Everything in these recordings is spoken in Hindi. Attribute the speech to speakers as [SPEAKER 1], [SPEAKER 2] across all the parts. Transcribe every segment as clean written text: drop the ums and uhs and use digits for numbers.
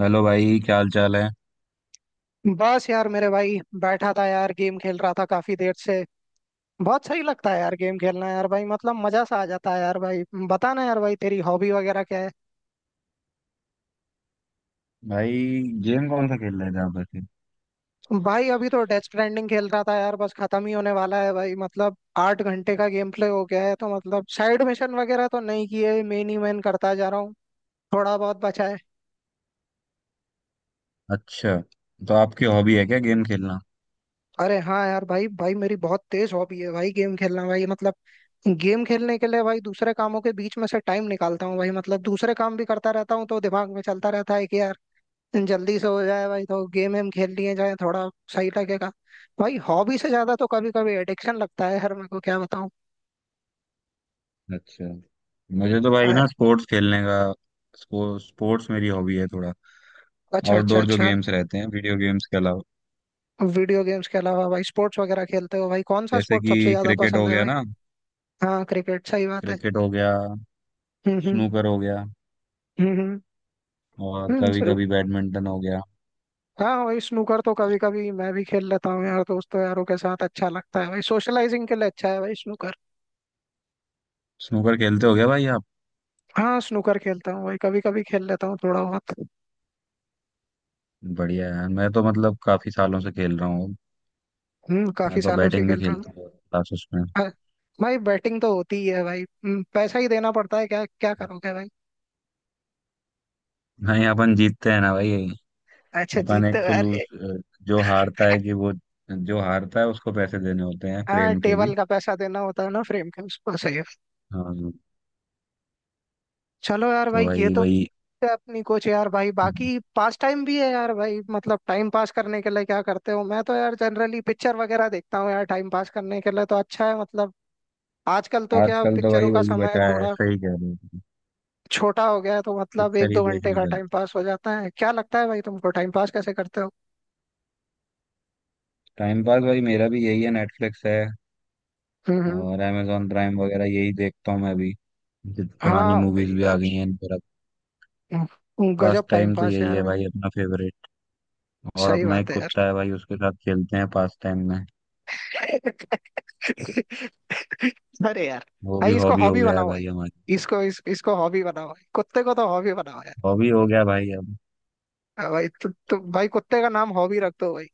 [SPEAKER 1] हेलो भाई, क्या हाल चाल है
[SPEAKER 2] बस यार मेरे भाई बैठा था यार गेम खेल रहा था काफी देर से। बहुत सही लगता है यार गेम खेलना यार भाई मतलब मजा सा आ जाता है यार भाई। बताना यार भाई तेरी हॉबी वगैरह क्या है।
[SPEAKER 1] भाई? गेम कौन सा खेल रहे थे आप वैसे?
[SPEAKER 2] भाई अभी तो डेथ स्ट्रैंडिंग खेल रहा था यार बस खत्म ही होने वाला है भाई मतलब 8 घंटे का गेम प्ले हो गया है तो मतलब साइड मिशन वगैरह तो नहीं किए मेन ही मेन करता जा रहा हूँ। थोड़ा बहुत बचा है।
[SPEAKER 1] अच्छा, तो आपकी हॉबी है क्या, गेम खेलना?
[SPEAKER 2] अरे हाँ यार भाई भाई मेरी बहुत तेज हॉबी है भाई गेम खेलना भाई मतलब। गेम खेलने के लिए भाई दूसरे कामों के बीच में से टाइम निकालता हूँ भाई मतलब दूसरे काम भी करता रहता हूँ तो दिमाग में चलता रहता है कि यार जल्दी से हो जाए भाई तो गेम वेम खेल लिए जाए थोड़ा सही लगेगा। भाई हॉबी से ज्यादा तो कभी कभी एडिक्शन लगता है यार मेरे को क्या बताऊँ।
[SPEAKER 1] अच्छा, मुझे तो भाई
[SPEAKER 2] अ-
[SPEAKER 1] ना स्पोर्ट्स खेलने का, स्पोर्ट्स मेरी हॉबी है थोड़ा।
[SPEAKER 2] अच्छा अच्छा
[SPEAKER 1] आउटडोर जो
[SPEAKER 2] अच्छा।
[SPEAKER 1] गेम्स रहते हैं वीडियो गेम्स के अलावा।
[SPEAKER 2] वीडियो गेम्स के अलावा भाई स्पोर्ट्स वगैरह खेलते हो भाई कौन सा
[SPEAKER 1] जैसे
[SPEAKER 2] स्पोर्ट्स सबसे
[SPEAKER 1] कि
[SPEAKER 2] ज्यादा
[SPEAKER 1] क्रिकेट
[SPEAKER 2] पसंद
[SPEAKER 1] हो
[SPEAKER 2] है
[SPEAKER 1] गया
[SPEAKER 2] भाई।
[SPEAKER 1] ना,
[SPEAKER 2] हाँ क्रिकेट सही बात है।
[SPEAKER 1] क्रिकेट हो गया,
[SPEAKER 2] हम्म। हम्म।
[SPEAKER 1] स्नूकर हो गया,
[SPEAKER 2] हम्म।
[SPEAKER 1] और
[SPEAKER 2] हम्म।
[SPEAKER 1] कभी कभी बैडमिंटन हो गया।
[SPEAKER 2] हाँ हाँ, वही स्नूकर तो कभी कभी मैं भी खेल लेता हूँ यार दोस्तों यारों के साथ अच्छा लगता है भाई सोशलाइजिंग के लिए अच्छा है भाई स्नूकर।
[SPEAKER 1] स्नूकर खेलते हो गया भाई आप?
[SPEAKER 2] हाँ स्नूकर खेलता हूँ भाई कभी कभी खेल लेता हूँ थोड़ा बहुत।
[SPEAKER 1] बढ़िया यार, मैं तो मतलब काफी सालों से खेल रहा हूँ। मैं
[SPEAKER 2] काफी
[SPEAKER 1] तो
[SPEAKER 2] सालों से
[SPEAKER 1] बैटिंग भी
[SPEAKER 2] खेल रहा हूँ।
[SPEAKER 1] खेलता हूँ क्लासेस में।
[SPEAKER 2] हाँ, भाई बैटिंग तो होती ही है भाई पैसा ही देना पड़ता है क्या क्या करोगे भाई।
[SPEAKER 1] नहीं, अपन जीतते हैं ना भाई।
[SPEAKER 2] अच्छा
[SPEAKER 1] अपन
[SPEAKER 2] जीतते
[SPEAKER 1] एक
[SPEAKER 2] हो,
[SPEAKER 1] तो लूज,
[SPEAKER 2] अरे।
[SPEAKER 1] जो हारता है कि वो, जो हारता है उसको पैसे देने होते हैं
[SPEAKER 2] हाँ
[SPEAKER 1] फ्रेम के भी।
[SPEAKER 2] टेबल का पैसा देना होता है ना फ्रेम के उसको सही है।
[SPEAKER 1] हाँ।
[SPEAKER 2] चलो यार
[SPEAKER 1] तो
[SPEAKER 2] भाई ये
[SPEAKER 1] वही
[SPEAKER 2] तो
[SPEAKER 1] वही
[SPEAKER 2] है अपनी कुछ यार भाई बाकी पास टाइम भी है यार भाई मतलब टाइम पास करने के लिए क्या करते हो मैं तो यार जनरली पिक्चर वगैरह देखता हूँ यार टाइम पास करने के लिए तो अच्छा है मतलब। आजकल तो क्या
[SPEAKER 1] आजकल तो
[SPEAKER 2] पिक्चरों
[SPEAKER 1] भाई
[SPEAKER 2] का
[SPEAKER 1] वही
[SPEAKER 2] समय
[SPEAKER 1] बचा है,
[SPEAKER 2] थोड़ा
[SPEAKER 1] सही कह रहे हो।
[SPEAKER 2] छोटा हो गया है तो मतलब एक
[SPEAKER 1] पिक्चर ही
[SPEAKER 2] दो घंटे
[SPEAKER 1] देखने
[SPEAKER 2] का
[SPEAKER 1] का
[SPEAKER 2] टाइम पास हो जाता है क्या लगता है भाई तुमको टाइम पास कैसे करते हो।
[SPEAKER 1] टाइम पास भाई, मेरा भी यही है। नेटफ्लिक्स है
[SPEAKER 2] हम्म। हम्म।
[SPEAKER 1] और amazon प्राइम वगैरह, यही देखता हूँ मैं भी। जो पुरानी
[SPEAKER 2] हाँ
[SPEAKER 1] मूवीज
[SPEAKER 2] भाई
[SPEAKER 1] भी आ गई
[SPEAKER 2] यार
[SPEAKER 1] हैं इन पर अब। पास
[SPEAKER 2] गजब टाइम
[SPEAKER 1] टाइम तो
[SPEAKER 2] पास है
[SPEAKER 1] यही
[SPEAKER 2] यार
[SPEAKER 1] है
[SPEAKER 2] भाई।
[SPEAKER 1] भाई अपना फेवरेट। और
[SPEAKER 2] सही
[SPEAKER 1] अपना एक
[SPEAKER 2] बात है यार।
[SPEAKER 1] कुत्ता है भाई, उसके साथ खेलते हैं पास टाइम में।
[SPEAKER 2] अरे यार।
[SPEAKER 1] वो भी
[SPEAKER 2] भाई इसको
[SPEAKER 1] हॉबी हो
[SPEAKER 2] हॉबी
[SPEAKER 1] गया है
[SPEAKER 2] बनाओ भाई
[SPEAKER 1] भाई हमारी।
[SPEAKER 2] इसको इसको हॉबी बनाओ भाई कुत्ते को तो हॉबी बनाओ।
[SPEAKER 1] हॉबी हो गया भाई अब।
[SPEAKER 2] हाँ भाई तो भाई कुत्ते का नाम हॉबी रख दो भाई।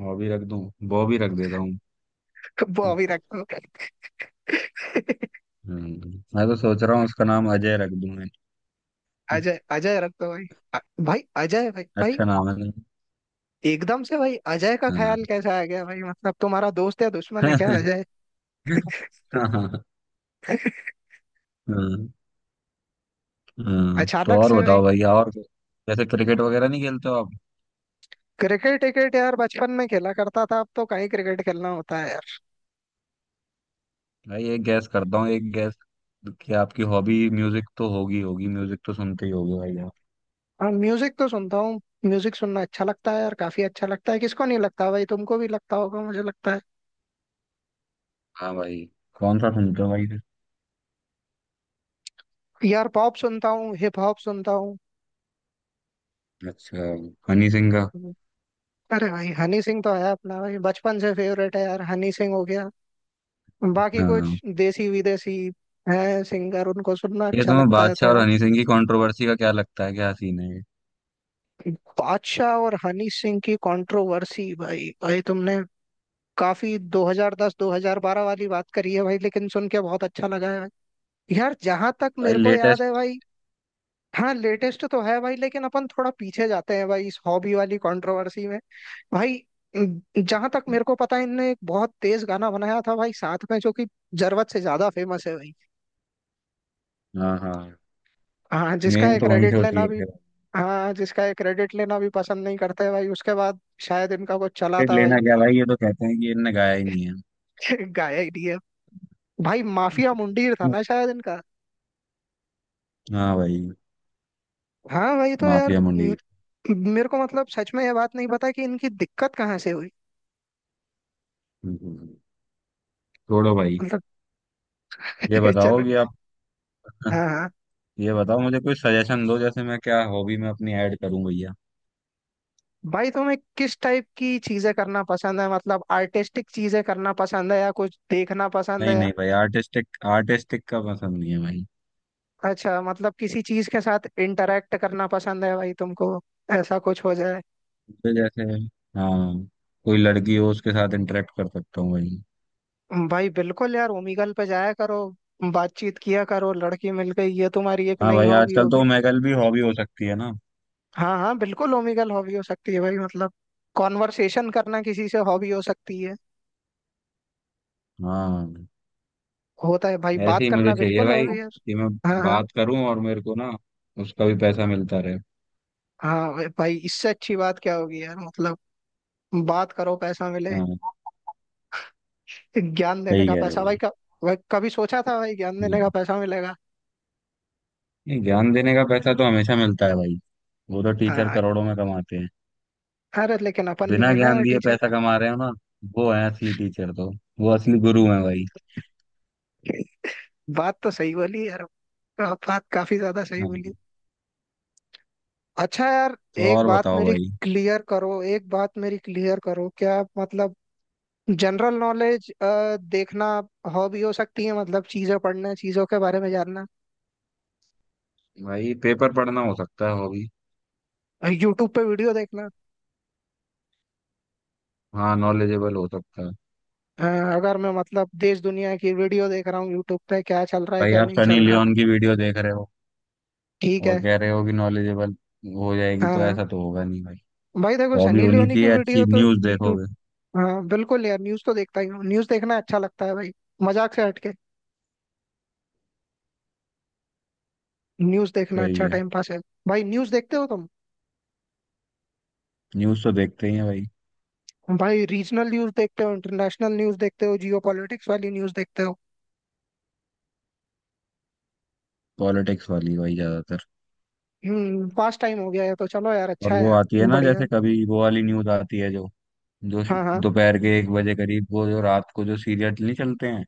[SPEAKER 1] बॉबी रख दूं? बॉबी रख देता हूँ।
[SPEAKER 2] बॉबी रख दो।
[SPEAKER 1] मैं तो सोच रहा हूँ उसका नाम अजय रख दूं मैं।
[SPEAKER 2] अजय अजय रख दो भाई। अ- भाई अजय भाई भाई
[SPEAKER 1] अच्छा नाम है ना?
[SPEAKER 2] एकदम से भाई अजय का
[SPEAKER 1] हाँ।
[SPEAKER 2] ख्याल कैसे आ गया भाई मतलब तुम्हारा दोस्त या दुश्मन है क्या अजय।
[SPEAKER 1] हाँ हाँ। हाँ। तो
[SPEAKER 2] अचानक
[SPEAKER 1] और
[SPEAKER 2] से भाई।
[SPEAKER 1] बताओ भैया, और जैसे क्रिकेट वगैरह नहीं खेलते हो आप?
[SPEAKER 2] क्रिकेट क्रिकेट यार बचपन में खेला करता था अब तो कहीं क्रिकेट खेलना होता है यार।
[SPEAKER 1] भाई एक गैस करता हूँ, एक गैस कि आपकी हॉबी म्यूजिक तो होगी होगी, म्यूजिक तो सुनते ही होगे भाई आप।
[SPEAKER 2] हाँ म्यूजिक तो सुनता हूँ म्यूजिक सुनना अच्छा लगता है यार काफी अच्छा लगता है किसको नहीं लगता भाई तुमको भी लगता होगा मुझे लगता है।
[SPEAKER 1] हाँ भाई, कौन सा सुनते हो भाई?
[SPEAKER 2] यार पॉप सुनता हूँ हिप हॉप सुनता हूँ।
[SPEAKER 1] अच्छा, हनी सिंह का?
[SPEAKER 2] अरे भाई हनी सिंह तो है अपना भाई बचपन से फेवरेट है यार हनी सिंह हो गया। बाकी कुछ
[SPEAKER 1] हाँ,
[SPEAKER 2] देसी विदेशी है सिंगर उनको सुनना
[SPEAKER 1] ये
[SPEAKER 2] अच्छा
[SPEAKER 1] तुम्हें
[SPEAKER 2] लगता है
[SPEAKER 1] बादशाह और
[SPEAKER 2] थोड़ा।
[SPEAKER 1] हनी सिंह की कंट्रोवर्सी का क्या लगता है, क्या सीन है ये?
[SPEAKER 2] बादशाह और हनी सिंह की कंट्रोवर्सी भाई भाई तुमने काफी 2010 2012 वाली बात करी है भाई लेकिन सुन के बहुत अच्छा लगा है भाई। यार जहां तक
[SPEAKER 1] भाई
[SPEAKER 2] मेरे को याद है
[SPEAKER 1] लेटेस्ट।
[SPEAKER 2] भाई। हाँ लेटेस्ट तो है भाई लेकिन अपन थोड़ा पीछे जाते हैं भाई इस हॉबी वाली कंट्रोवर्सी में। भाई जहां तक मेरे को पता है इनने एक बहुत तेज गाना बनाया था भाई साथ में जो कि जरूरत से ज्यादा फेमस है भाई।
[SPEAKER 1] हाँ हाँ।
[SPEAKER 2] हाँ जिसका
[SPEAKER 1] मेन
[SPEAKER 2] ये
[SPEAKER 1] तो वहीं
[SPEAKER 2] क्रेडिट
[SPEAKER 1] से
[SPEAKER 2] लेना
[SPEAKER 1] उछले
[SPEAKER 2] भी
[SPEAKER 1] थे।
[SPEAKER 2] हाँ जिसका ये क्रेडिट लेना भी पसंद नहीं करते हैं भाई उसके बाद शायद इनका कुछ चला
[SPEAKER 1] टिकट
[SPEAKER 2] था
[SPEAKER 1] लेना
[SPEAKER 2] भाई।
[SPEAKER 1] क्या भाई, ये तो कहते हैं कि इनने गाया ही नहीं है।
[SPEAKER 2] गाया ही नहीं है। भाई माफिया मुंडीर था ना शायद इनका।
[SPEAKER 1] हाँ भाई,
[SPEAKER 2] हाँ भाई तो यार
[SPEAKER 1] माफिया मुंडीर।
[SPEAKER 2] मेरे को मतलब सच में ये बात नहीं पता कि इनकी दिक्कत कहाँ से हुई
[SPEAKER 1] हम्म, छोड़ो भाई।
[SPEAKER 2] मतलब।
[SPEAKER 1] ये बताओ
[SPEAKER 2] चलो।
[SPEAKER 1] कि आप।
[SPEAKER 2] हाँ हाँ।
[SPEAKER 1] ये बताओ मुझे, कोई सजेशन दो जैसे मैं क्या हॉबी में अपनी ऐड करूं भैया।
[SPEAKER 2] भाई तुम्हें किस टाइप की चीजें करना पसंद है मतलब आर्टिस्टिक चीजें करना पसंद है या कुछ देखना पसंद
[SPEAKER 1] नहीं
[SPEAKER 2] है।
[SPEAKER 1] नहीं भाई आर्टिस्टिक, आर्टिस्टिक का पसंद नहीं है भाई।
[SPEAKER 2] अच्छा मतलब किसी चीज के साथ इंटरेक्ट करना पसंद है भाई तुमको ऐसा कुछ हो जाए।
[SPEAKER 1] मुझे जैसे, हाँ, कोई लड़की हो उसके साथ इंटरेक्ट कर सकता हूँ भाई।
[SPEAKER 2] भाई बिल्कुल यार ओमेगल पे जाया करो बातचीत किया करो लड़की मिल गई ये तुम्हारी एक
[SPEAKER 1] हाँ
[SPEAKER 2] नई
[SPEAKER 1] भाई,
[SPEAKER 2] हॉबी
[SPEAKER 1] आजकल
[SPEAKER 2] हो
[SPEAKER 1] तो
[SPEAKER 2] गई।
[SPEAKER 1] मैगल भी हॉबी हो सकती है ना।
[SPEAKER 2] हाँ हाँ बिल्कुल ओमेगल हॉबी हो सकती है भाई मतलब कॉन्वर्सेशन करना किसी से हॉबी हो सकती है।
[SPEAKER 1] हाँ,
[SPEAKER 2] होता है भाई
[SPEAKER 1] ऐसे
[SPEAKER 2] बात
[SPEAKER 1] ही मुझे
[SPEAKER 2] करना
[SPEAKER 1] चाहिए
[SPEAKER 2] बिल्कुल
[SPEAKER 1] भाई
[SPEAKER 2] हॉबी है।
[SPEAKER 1] कि मैं
[SPEAKER 2] हाँ हाँ।
[SPEAKER 1] बात करूं और मेरे को ना उसका भी पैसा मिलता रहे।
[SPEAKER 2] हाँ भाई इससे अच्छी बात क्या होगी यार मतलब बात करो पैसा मिले।
[SPEAKER 1] हाँ,
[SPEAKER 2] ज्ञान देने
[SPEAKER 1] सही
[SPEAKER 2] का
[SPEAKER 1] कह रहे हो
[SPEAKER 2] पैसा भाई,
[SPEAKER 1] भाई।
[SPEAKER 2] कब। भाई कभी सोचा था भाई ज्ञान देने का पैसा मिलेगा।
[SPEAKER 1] नहीं, ज्ञान देने का पैसा तो हमेशा मिलता है भाई। वो तो टीचर
[SPEAKER 2] हाँ
[SPEAKER 1] करोड़ों में कमाते हैं।
[SPEAKER 2] अरे लेकिन अपन नहीं
[SPEAKER 1] बिना
[SPEAKER 2] है ना
[SPEAKER 1] ज्ञान
[SPEAKER 2] यार
[SPEAKER 1] दिए
[SPEAKER 2] टीचर।
[SPEAKER 1] पैसा कमा रहे हो ना, वो है असली टीचर तो। वो असली गुरु है भाई।
[SPEAKER 2] बात तो सही बोली यार आप बात काफी ज्यादा सही
[SPEAKER 1] हाँ।
[SPEAKER 2] बोली। अच्छा यार।
[SPEAKER 1] तो
[SPEAKER 2] एक
[SPEAKER 1] और
[SPEAKER 2] बात
[SPEAKER 1] बताओ
[SPEAKER 2] मेरी
[SPEAKER 1] भाई।
[SPEAKER 2] एक बात मेरी क्लियर करो क्या मतलब जनरल नॉलेज देखना हॉबी हो सकती है मतलब चीजें पढ़ना चीजों के बारे में जानना।
[SPEAKER 1] भाई पेपर पढ़ना हो सकता है हॉबी।
[SPEAKER 2] यूट्यूब पे वीडियो देखना।
[SPEAKER 1] हाँ, नॉलेजेबल हो सकता है।
[SPEAKER 2] अ, अगर मैं मतलब देश दुनिया की वीडियो देख रहा हूँ यूट्यूब पे क्या चल रहा है
[SPEAKER 1] भाई
[SPEAKER 2] क्या
[SPEAKER 1] आप
[SPEAKER 2] नहीं
[SPEAKER 1] सनी
[SPEAKER 2] चल रहा।
[SPEAKER 1] लियोन की वीडियो देख रहे हो
[SPEAKER 2] ठीक है।
[SPEAKER 1] और कह रहे हो कि नॉलेजेबल हो जाएगी, तो
[SPEAKER 2] हाँ
[SPEAKER 1] ऐसा तो होगा नहीं भाई।
[SPEAKER 2] भाई देखो
[SPEAKER 1] हॉबी
[SPEAKER 2] सनी
[SPEAKER 1] होनी
[SPEAKER 2] लियोनी की
[SPEAKER 1] चाहिए
[SPEAKER 2] वीडियो
[SPEAKER 1] अच्छी,
[SPEAKER 2] तो
[SPEAKER 1] न्यूज़
[SPEAKER 2] यू।
[SPEAKER 1] देखोगे।
[SPEAKER 2] हाँ बिल्कुल यार न्यूज तो देखता ही हूँ न्यूज देखना अच्छा लगता है भाई मजाक से हटके न्यूज देखना
[SPEAKER 1] सही
[SPEAKER 2] अच्छा
[SPEAKER 1] है।
[SPEAKER 2] टाइम पास है। भाई न्यूज देखते हो तुम।
[SPEAKER 1] न्यूज़ तो देखते ही हैं भाई।
[SPEAKER 2] भाई रीजनल न्यूज देखते हो इंटरनेशनल न्यूज देखते हो जियो पॉलिटिक्स वाली न्यूज देखते हो।
[SPEAKER 1] पॉलिटिक्स वाली भाई ज्यादातर।
[SPEAKER 2] पास टाइम हो गया है तो चलो यार
[SPEAKER 1] और
[SPEAKER 2] अच्छा है
[SPEAKER 1] वो
[SPEAKER 2] यार।
[SPEAKER 1] आती है ना,
[SPEAKER 2] बढ़िया।
[SPEAKER 1] जैसे कभी वो वाली न्यूज़ आती है जो, जो
[SPEAKER 2] हाँ हाँ।
[SPEAKER 1] दोपहर के 1 बजे करीब, वो जो रात को जो सीरियल नहीं चलते हैं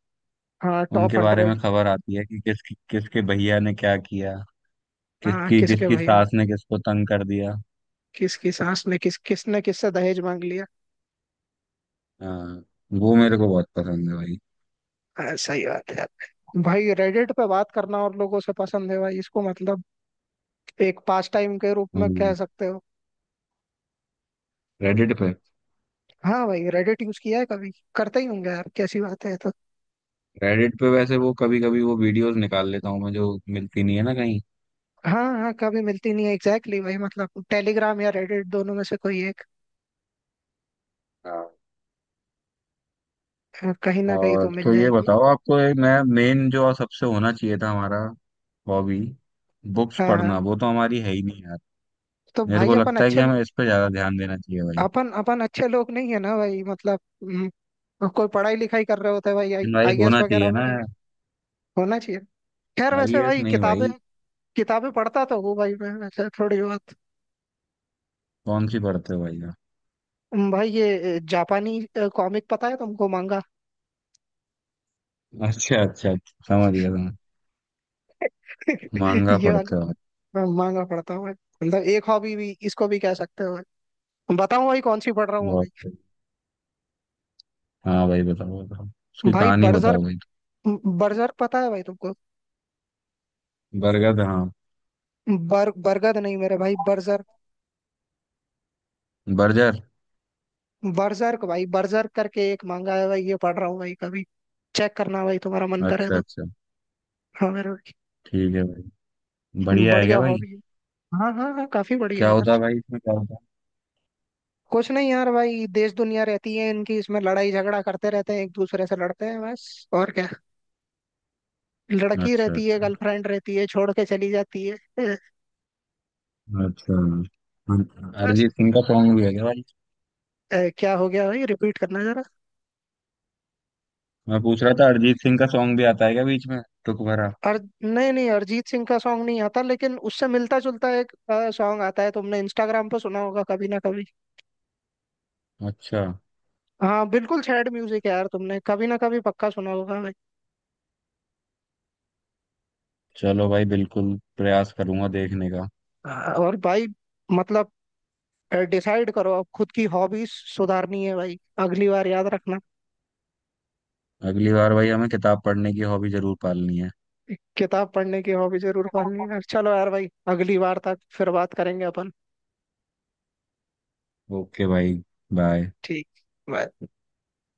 [SPEAKER 2] हाँ टॉप
[SPEAKER 1] उनके बारे
[SPEAKER 2] 100।
[SPEAKER 1] में खबर आती है, कि किस, किसके भैया ने क्या किया,
[SPEAKER 2] हाँ
[SPEAKER 1] किसकी
[SPEAKER 2] किसके
[SPEAKER 1] किसकी
[SPEAKER 2] भैया
[SPEAKER 1] सास ने किसको तंग कर दिया।
[SPEAKER 2] किसकी सास ने किस किसने किससे दहेज मांग लिया।
[SPEAKER 1] हाँ, वो मेरे को बहुत पसंद है भाई।
[SPEAKER 2] हाँ, सही बात है यार। भाई रेडिट पे बात करना और लोगों से पसंद है भाई इसको मतलब एक पास टाइम के रूप में कह सकते हो।
[SPEAKER 1] रेडिट पे?
[SPEAKER 2] हाँ भाई रेडिट यूज किया है कभी करते ही होंगे यार कैसी बात है ये तो।
[SPEAKER 1] रेडिट पे वैसे वो कभी कभी वो वीडियोस निकाल लेता हूँ मैं जो मिलती नहीं है ना
[SPEAKER 2] हाँ हाँ कभी मिलती नहीं है एग्जैक्टली भाई मतलब टेलीग्राम या रेडिट दोनों में से कोई एक
[SPEAKER 1] कहीं।
[SPEAKER 2] कहीं ना कहीं तो
[SPEAKER 1] और
[SPEAKER 2] मिल
[SPEAKER 1] तो ये
[SPEAKER 2] जाएगी।
[SPEAKER 1] बताओ, आपको एक नया मेन जो सबसे होना चाहिए था हमारा हॉबी, बुक्स
[SPEAKER 2] हाँ हाँ
[SPEAKER 1] पढ़ना, वो तो हमारी है ही नहीं यार।
[SPEAKER 2] तो
[SPEAKER 1] मेरे
[SPEAKER 2] भाई
[SPEAKER 1] को
[SPEAKER 2] अपन
[SPEAKER 1] लगता है कि
[SPEAKER 2] अच्छे
[SPEAKER 1] हमें इस पे ज्यादा ध्यान देना चाहिए भाई।
[SPEAKER 2] अपन अपन अच्छे लोग नहीं है ना भाई मतलब कोई पढ़ाई लिखाई कर रहे होते हैं भाई
[SPEAKER 1] लेकिन भाई
[SPEAKER 2] आई ए एस
[SPEAKER 1] होना
[SPEAKER 2] वगैरह
[SPEAKER 1] चाहिए ना
[SPEAKER 2] बन।
[SPEAKER 1] यार।
[SPEAKER 2] होना चाहिए। खैर वैसे
[SPEAKER 1] आईएएस
[SPEAKER 2] भाई
[SPEAKER 1] नहीं
[SPEAKER 2] किताबें
[SPEAKER 1] भाई।
[SPEAKER 2] किताबें पढ़ता तो हूँ भाई मैं वैसे थोड़ी बहुत।
[SPEAKER 1] कौन सी पढ़ते हो भाई आप?
[SPEAKER 2] भाई ये जापानी कॉमिक पता है तुमको मांगा।
[SPEAKER 1] अच्छा अच्छा, समझ गया समझ गया। मांगा
[SPEAKER 2] ये वाली।
[SPEAKER 1] पढ़ते हो आप?
[SPEAKER 2] मैं महंगा पड़ता है भाई मतलब एक हॉबी भी इसको भी कह सकते हो भाई बताऊं भाई कौन सी पढ़ रहा हूँ अभी।
[SPEAKER 1] बहुत सही। हाँ भाई, बताओ बताओ उसकी
[SPEAKER 2] भाई
[SPEAKER 1] कहानी
[SPEAKER 2] बर्जर
[SPEAKER 1] बताओ भाई।
[SPEAKER 2] बर्जर पता है भाई तुमको।
[SPEAKER 1] बरगद, हाँ।
[SPEAKER 2] बर बरगद नहीं मेरे भाई बर्जर।
[SPEAKER 1] बर्जर।
[SPEAKER 2] बर्जर्क भाई बर्जर करके एक मांगा है भाई ये पढ़ रहा हूँ भाई कभी चेक करना भाई तुम्हारा मन करे
[SPEAKER 1] अच्छा
[SPEAKER 2] तो।
[SPEAKER 1] अच्छा।
[SPEAKER 2] हाँ मेरे भाई।
[SPEAKER 1] ठीक है भाई। बढ़िया है
[SPEAKER 2] बढ़िया
[SPEAKER 1] क्या भाई?
[SPEAKER 2] हॉबी है। हाँ हाँ हाँ काफी बढ़िया
[SPEAKER 1] क्या
[SPEAKER 2] है
[SPEAKER 1] होता
[SPEAKER 2] यार।
[SPEAKER 1] है भाई, इसमें क्या होता
[SPEAKER 2] कुछ नहीं यार भाई देश दुनिया रहती है इनकी इसमें लड़ाई झगड़ा करते रहते हैं एक दूसरे से लड़ते हैं बस और क्या
[SPEAKER 1] है?
[SPEAKER 2] लड़की
[SPEAKER 1] अच्छा
[SPEAKER 2] रहती है
[SPEAKER 1] अच्छा
[SPEAKER 2] गर्लफ्रेंड रहती है छोड़ के चली जाती है। ए,
[SPEAKER 1] अच्छा।
[SPEAKER 2] बस
[SPEAKER 1] अरिजीत सिंह का सॉन्ग भी है क्या भाई?
[SPEAKER 2] ए, क्या हो गया भाई रिपीट करना जरा।
[SPEAKER 1] मैं पूछ रहा था, अरिजीत सिंह का सॉन्ग भी आता है क्या बीच में टुक भरा?
[SPEAKER 2] अर नहीं नहीं अरिजीत सिंह का सॉन्ग नहीं आता लेकिन उससे मिलता जुलता एक सॉन्ग आता है तुमने इंस्टाग्राम पे सुना होगा कभी ना कभी।
[SPEAKER 1] अच्छा।
[SPEAKER 2] हाँ बिल्कुल सैड म्यूजिक है यार तुमने कभी ना कभी पक्का सुना होगा भाई।
[SPEAKER 1] चलो भाई, बिल्कुल प्रयास करूंगा देखने का।
[SPEAKER 2] हाँ, और भाई मतलब डिसाइड करो अब खुद की हॉबीज सुधारनी है भाई अगली बार याद रखना।
[SPEAKER 1] अगली बार भाई हमें किताब पढ़ने की हॉबी जरूर पालनी है।
[SPEAKER 2] किताब पढ़ने की हॉबी जरूर पालनी है चलो यार भाई अगली बार तक फिर बात करेंगे अपन।
[SPEAKER 1] ओके भाई, बाय।
[SPEAKER 2] ठीक। बाय।